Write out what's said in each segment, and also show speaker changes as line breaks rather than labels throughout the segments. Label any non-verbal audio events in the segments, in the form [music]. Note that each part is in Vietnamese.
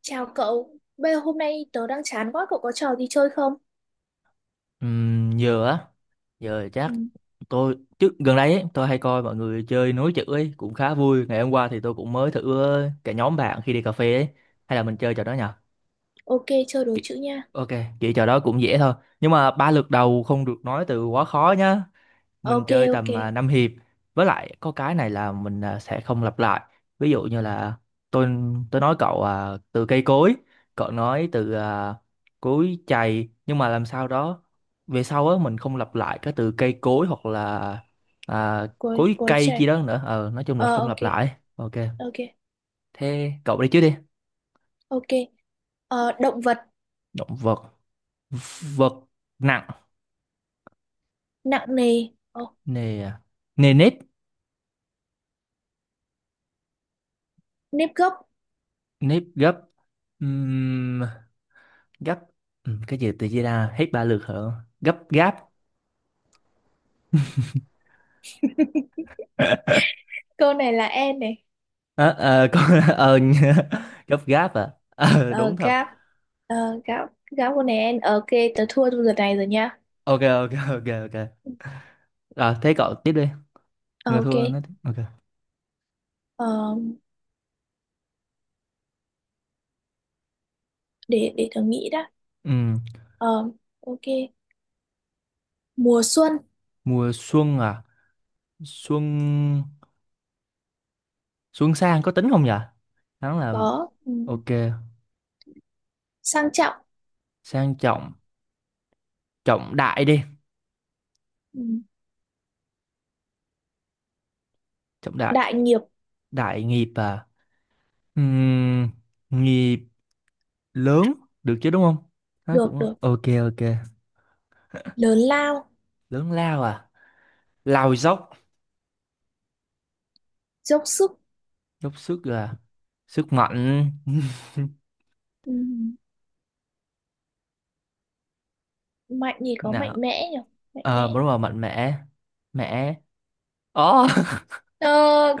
Chào cậu, bây giờ hôm nay tớ đang chán quá, cậu có trò gì chơi không?
Giờ á, giờ
Ừ,
chắc tôi trước gần đây ấy, tôi hay coi mọi người chơi nối chữ ấy, cũng khá vui. Ngày hôm qua thì tôi cũng mới thử cả nhóm bạn khi đi cà phê ấy, hay là mình chơi trò đó nhở.
ok, chơi đố chữ nha.
Ok, kiểu trò đó cũng dễ thôi, nhưng mà ba lượt đầu không được nói từ quá khó nhá. Mình
Ok,
chơi
ok,
tầm năm hiệp. Với lại có cái này là mình sẽ không lặp lại. Ví dụ như là tôi tôi nói cậu từ cây cối, cậu nói từ cối chày, nhưng mà làm sao đó về sau á mình không lặp lại cái từ cây cối, hoặc là à,
cuối
cối
cuối
cây chi
trẻ.
đó nữa. Ờ nói chung là
Ờ,
không
ok,
lặp lại, ok.
ok,
Thế cậu đi trước đi.
ok. Ờ, động vật,
Động vật, vật nặng,
nặng nề, ờ,
nề nề nếp,
nếp gấp.
nếp gấp, gấp. Ừ, cái gì tự chia ra hết ba lượt hả? Gấp gáp. [laughs]
Câu này là en này.
Ờ, ờ, con [laughs] ờ, nhớ- gấp gáp à? Ờ,
Ờ,
đúng thật.
gáp, ờ, gáp, gáp câu này en. Ok, tớ thua trong lượt này rồi nha.
Ok ok ok ok, thế cậu tiếp đi.
Ờ,
Người
ok,
thua nói tiếp, ok.
ờ, để tớ nghĩ đã.
Ừ,
Ờ, ok, mùa xuân,
mùa xuân à, xuân, xuân sang có tính không nhỉ? Hắn là,
có, ừ,
ok.
sang trọng,
Sang trọng, trọng đại đi,
ừ,
trọng đại,
đại nghiệp,
đại nghiệp à? Ừm, Nghiệp lớn được chứ, đúng không? Nó
được,
cũng
được,
ok ok.
lớn lao
Lớn lao à, lao dốc,
dốc sức
dốc sức là sức mạnh. [laughs]
ừ, mạnh thì có
Nào,
mạnh mẽ nhỉ, mạnh
ờ
mẽ.
đúng rồi, mạnh mẽ, mẽ, ồ.
Ờ,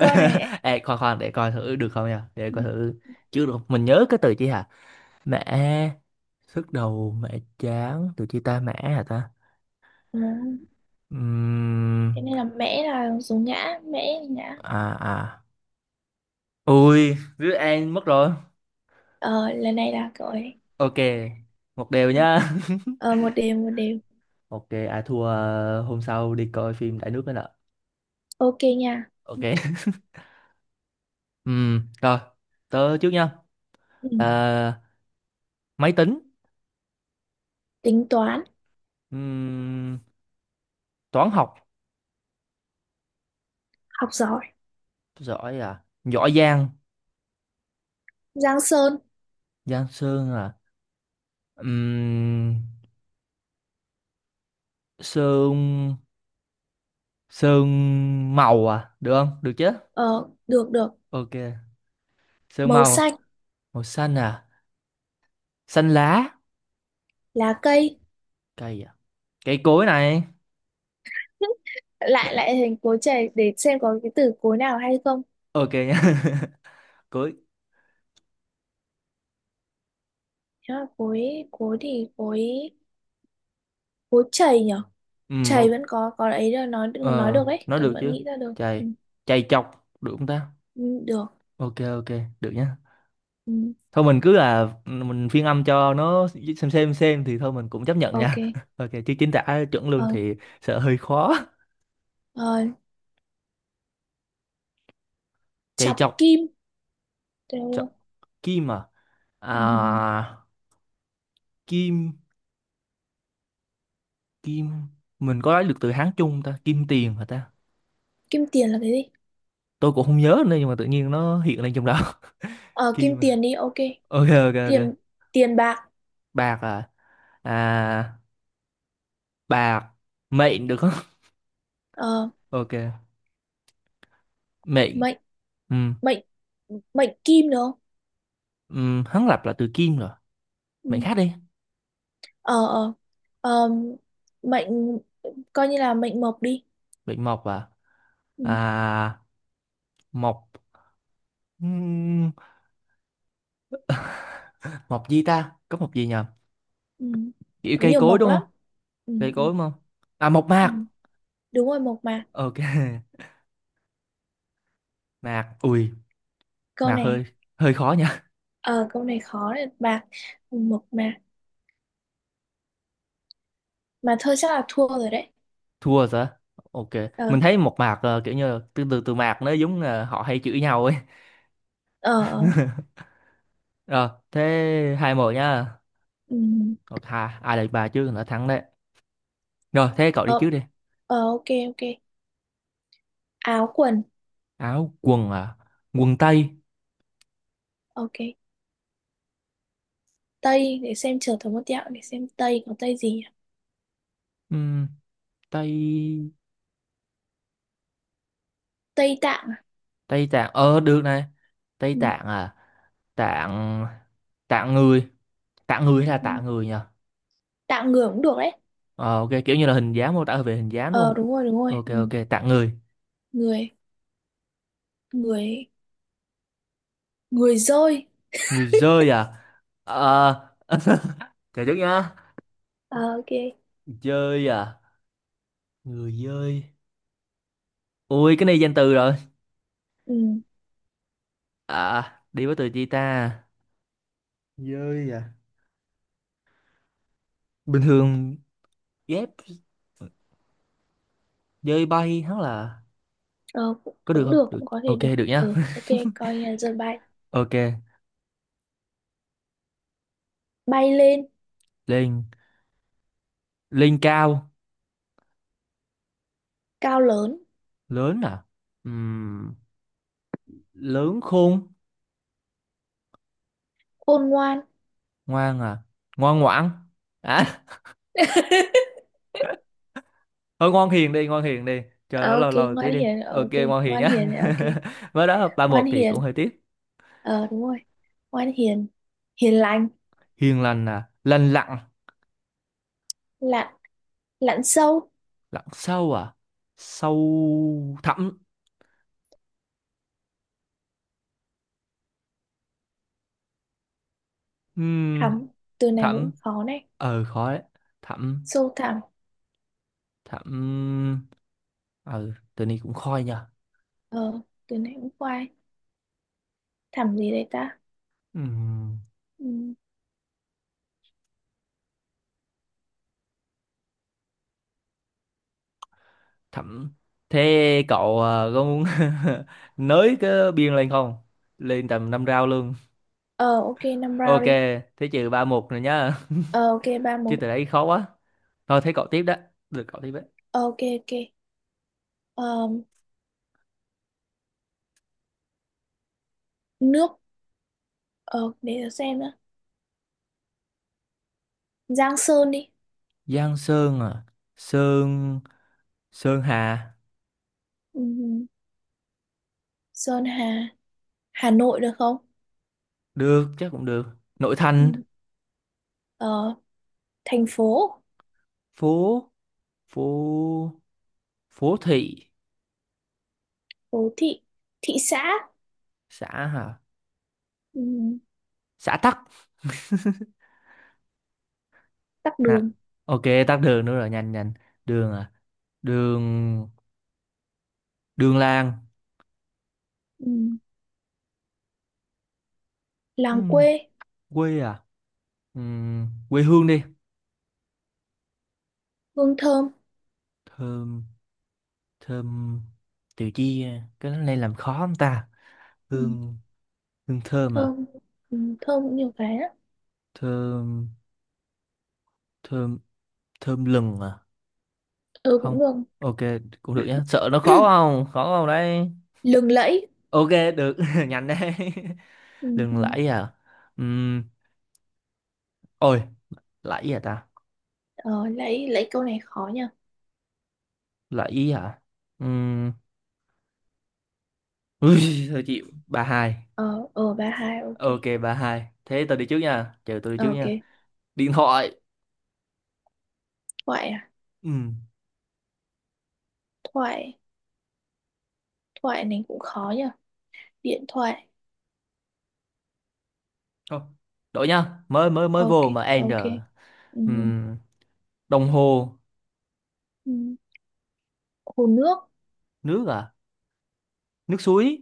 câu này
Ê, khoan khoan để coi thử được không nha, để coi thử chứ được không? Mình nhớ cái từ chi hả mẹ, sức đầu mẹ, chán từ chi ta mẹ hả ta?
ừ,
Ừm,
cái này là mẽ là số ngã, mẽ là ngã.
À à, ui đứa An mất rồi,
Ờ, lần này là cậu ấy,
ok, một đều
ok.
nhá.
Ờ, một đều một đều,
[laughs] Ok, à thua. Ờ, hôm sau đi coi phim Đại Nước nữa nè.
ok nha.
Ok. [laughs] Rồi, tớ trước nha.
Ừ,
Ờ, máy tính.
tính toán
Ừm, Toán học
học giỏi,
giỏi, à giỏi Giang,
Giang Sơn.
Giang Sơn à? Ừm, Sơn, Sơn màu à, được không, được chứ.
Ờ, được được,
Ok, Sơn
màu
màu,
xanh
màu xanh à, xanh lá,
lá cây.
cây à, cây cối này.
[laughs] lại lại hình cối chày để xem có cái từ cối nào hay không.
Ok nha. [laughs] Cối.
Nếu là cối, cối thì cối cối chày nhỉ. Chày
Ok.
vẫn có ấy là nói
Ờ,
được đấy,
nói
tớ
được
vẫn
chứ.
nghĩ ra được, ừ.
Chày, chày chọc được không ta?
Ừ, được,
Ok ok, được nhá.
ừ.
Thôi mình cứ là ừ, mình phiên âm cho nó, xem thì thôi mình cũng chấp nhận
Ok,
nha. [laughs] Ok, chứ chính tả chuẩn luôn
ờ,
thì sợ hơi khó.
ờ,
Chạy
chọc
chọc,
kim được
chọc
không?
kim à? À.
Ừ.
Kim, kim, mình có lấy được từ Hán chung không ta? Kim tiền hả ta?
Kim tiền là cái gì?
Tôi cũng không nhớ nữa, nhưng mà tự nhiên nó hiện lên trong đó. [laughs]
Ờ, kim
Kim à?
tiền đi, ok.
Ok ok ok.
Tiền, tiền bạc.
Bạc à? À, bạc mệnh được không?
Ờ,
[laughs] Ok, mệnh,
mệnh,
ừ,
mệnh, mệnh kim được không?
ừ hắn lập là từ kim rồi,
Ừ.
mệnh khác đi.
Ờ, ờ, ờ, mệnh coi như là mệnh mộc đi.
Mệnh mộc à?
Ừ.
À, mộc, ừm, mộc gì ta, có mộc gì nhờ?
Ừ.
Kiểu
Có
cây
nhiều
cối
mộc
đúng
lắm.
không,
Ừ.
cây
Ừ.
cối đúng không? À, mộc
Ừ,
mạc.
đúng rồi, mộc mà.
Ok. [laughs] Mạc ui,
Câu
mạc
này
hơi, hơi khó nha.
ờ, câu này khó này, bạc mộc mà thôi chắc là thua rồi đấy.
[laughs] Thua rồi sao? Ok,
Ờ,
mình thấy mộc mạc kiểu như là từ từ từ mạc nó giống là họ hay chửi nhau ấy.
ờ, ờ,
[laughs] Rồi thế hai một nhá.
ừm,
Ok, hai ai là bà chứ, đã thắng đấy. Rồi thế cậu đi
ờ,
trước đi.
ờ, ok, ok, áo quần.
Áo quần à, quần tây.
Ok, tây để xem, chờ thử một tẹo để xem tây có tây gì nhỉ?
Ừm, Tây,
Tây Tạng à?
Tây Tạng, ờ được này, Tây
Ừm,
Tạng à, Tạng, Tạng người, Tạng người hay là
ừm,
tạng người nhỉ?
tạng người cũng được đấy.
Ờ, ok, kiểu như là hình dáng, mô tả về hình dáng đúng
Ờ,
không?
đúng rồi đúng rồi.
Ok ok, tạng người,
Người, người, người dơi.
người dơi à? Ờ. [laughs] Chờ chút nhá.
Ờ, ok.
Dơi à, người dơi, ui cái này danh từ rồi,
Ừm,
à đi với từ chi ta, dơi à, bình thường ghép, dơi bay hắn là,
ờ, cũng,
có được
cũng
không,
được,
được,
cũng có thể
ok,
được,
được nhá.
ờ,
[laughs]
ok, coi như là dơi bay,
Ok,
bay lên
lên, lên cao,
cao, lớn
lớn à? Ừm, Lớn khôn,
khôn ngoan.
ngoan à, ngoan ngoãn, à.
[laughs]
[laughs] Thôi ngoan hiền đi, ngoan hiền đi, chờ
Ờ,
nó
ok,
lâu lâu tí
ngoan
đi,
hiền. Ờ,
ok
ok,
ngoan hiền
ngoan
nhá.
hiền. Ờ, ok,
[laughs] Mới đó ba
ngoan
một thì
hiền,
cũng hơi tiếc.
ờ, đúng rồi, ngoan hiền, hiền lành
Hiền lành à, lành lặn,
lặn, lặn sâu
lặn sâu à, sâu thẳm. Ừm,
thẳm. Từ này cũng
Thẳm,
khó này,
ờ khó đấy, thẳm,
sâu thẳm.
thẳm, ừ tự nhiên cũng khôi nha.
Ờ, từ này cũng khoai, thẳm gì đấy ta.
Ừm,
Ừ.
Thẳm. Thế cậu có muốn [laughs] nới cái biên lên không, lên tầm năm rau luôn.
Ờ, ok, năm
Ok,
round đi.
thế trừ ba một rồi nhá. [laughs]
Ờ, ok, ba
Chứ
một.
từ đấy khó quá. Thôi thế cậu tiếp đó. Được, cậu tiếp đấy.
Ờ, ok, ok, ờ, nước, ờ, để tớ xem nữa. Giang Sơn đi.
Giang Sơn à? Sơn... Sơn Hà.
Ừ. Sơn Hà, Hà Nội được không?
Được, chắc cũng được. Nội
Ừ.
thành.
Ờ, thành phố,
Phố... Phố... Phố thị.
phố thị, thị xã.
Xã hả?
Ừ.
Xã Tắc.
Tắc
Nè.
đường.
Ok, tắc đường nữa rồi. Nhanh, nhanh. Đường à? Đường... Đường làng.
Ừ. Làng
Ừm,
quê,
quê à? Quê hương đi.
hương thơm.
Thơm... Thơm... Từ chi... à? Cái này làm khó không ta?
Ừ.
Hương, hương thơm à,
Thơm, ừ, thơm cũng nhiều cái á.
thơm, thơm, thơm lừng à,
Ừ,
không,
cũng được.
ok, cũng được nhá, sợ nó khó
[clears throat]
không, khó không đấy.
Lừng lẫy.
Ok, được. [laughs] Nhanh đấy.
Ừ,
[laughs] Lừng
ừ.
lẫy à? Ừm, Ôi, lẫy à ta,
Ờ, lẫy, lẫy câu này khó nha.
lẫy à, Ừm, ui. [laughs] Thôi chịu, ba hai.
Ờ, ờ, ba hai, ok.
Ok ba hai, thế tôi đi trước nha, chờ tôi đi
Ờ,
trước
ok,
nha. Điện thoại.
thoại à,
Ừm,
thoại, thoại này cũng khó nha, điện thoại.
Thôi đổi nhá, mới mới mới
Ok,
vô mà end
ok,
rồi.
ừ,
Ừm, Đồng hồ.
ừ. Hồ nước,
Nước à, nước suối.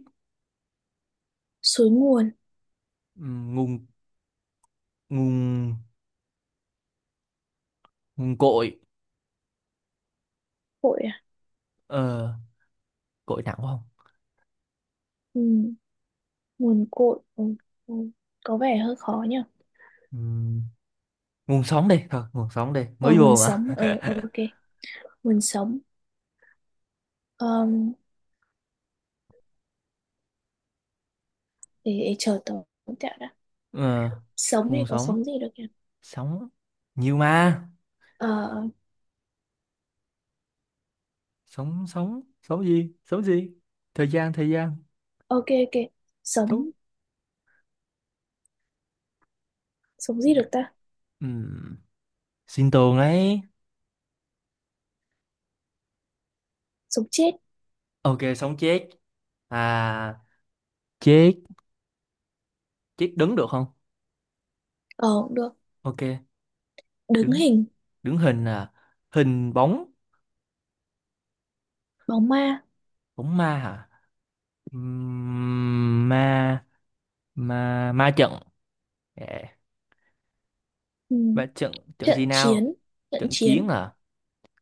suối nguồn,
Nguồn, nguồn, nguồn cội.
cội à.
Ờ cội nặng quá không?
Ừ, nguồn cội, ừ, ừ, có vẻ hơi khó nha.
Ừm, Nguồn sống đi, thôi nguồn sống đi,
Ờ,
mới
nguồn
vô
sống,
mà.
ờ, ờ, ok, nguồn sống. Ờm, để chờ tớ tẹo đã.
Ờ
Sống
nguồn
thì có
sống,
sống gì được nhỉ?
sống nhiều mà,
Ờ, ờ,
sống, sống gì, sống gì, thời gian, thời gian
ok, ok,
thú.
sống, sống gì được ta,
Ừm, Sinh tồn ấy.
sống chết.
Ok, sống chết à, chết, chết đứng được không?
Ờ, cũng được,
Ok,
đứng
đứng,
hình
đứng hình à, hình bóng,
bóng ma.
bóng ma hả? Ma, ma trận, yeah.
Ừ.
Ma trận, trận
Trận
gì nào,
chiến, trận
trận
chiến
chiến à,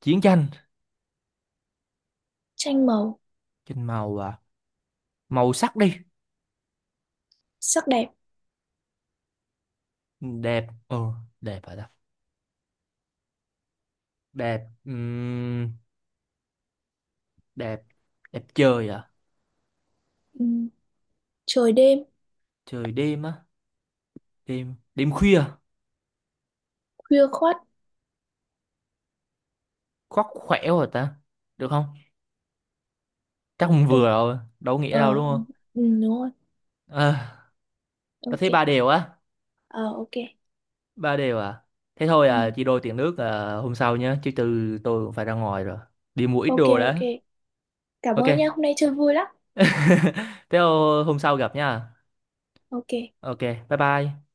chiến tranh,
tranh màu,
trên màu à, màu sắc đi,
sắc đẹp.
đẹp ừ, đẹp hả ta, đẹp, đẹp, đẹp trời à,
Ừ. Trời đêm,
trời đêm á, đêm, đêm khuya,
khuya khoắt
khoác khỏe rồi ta, được không, chắc không vừa
được,
rồi đâu có nghĩa đâu đúng
ờ,
không?
ừ, đúng rồi,
À, tôi
ok.
thấy ba đều á,
Ờ, ok.
ba đều à. Thế thôi
Ừ.
à, chị đôi tiền nước à, hôm sau nhé, chứ từ tôi cũng phải ra ngoài rồi, đi mua ít
Ok,
đồ
ok,
đã.
cảm ơn nha,
Ok.
hôm nay chơi vui lắm.
[laughs] Thế hôm sau gặp nha.
Ok.
Ok, bye bye.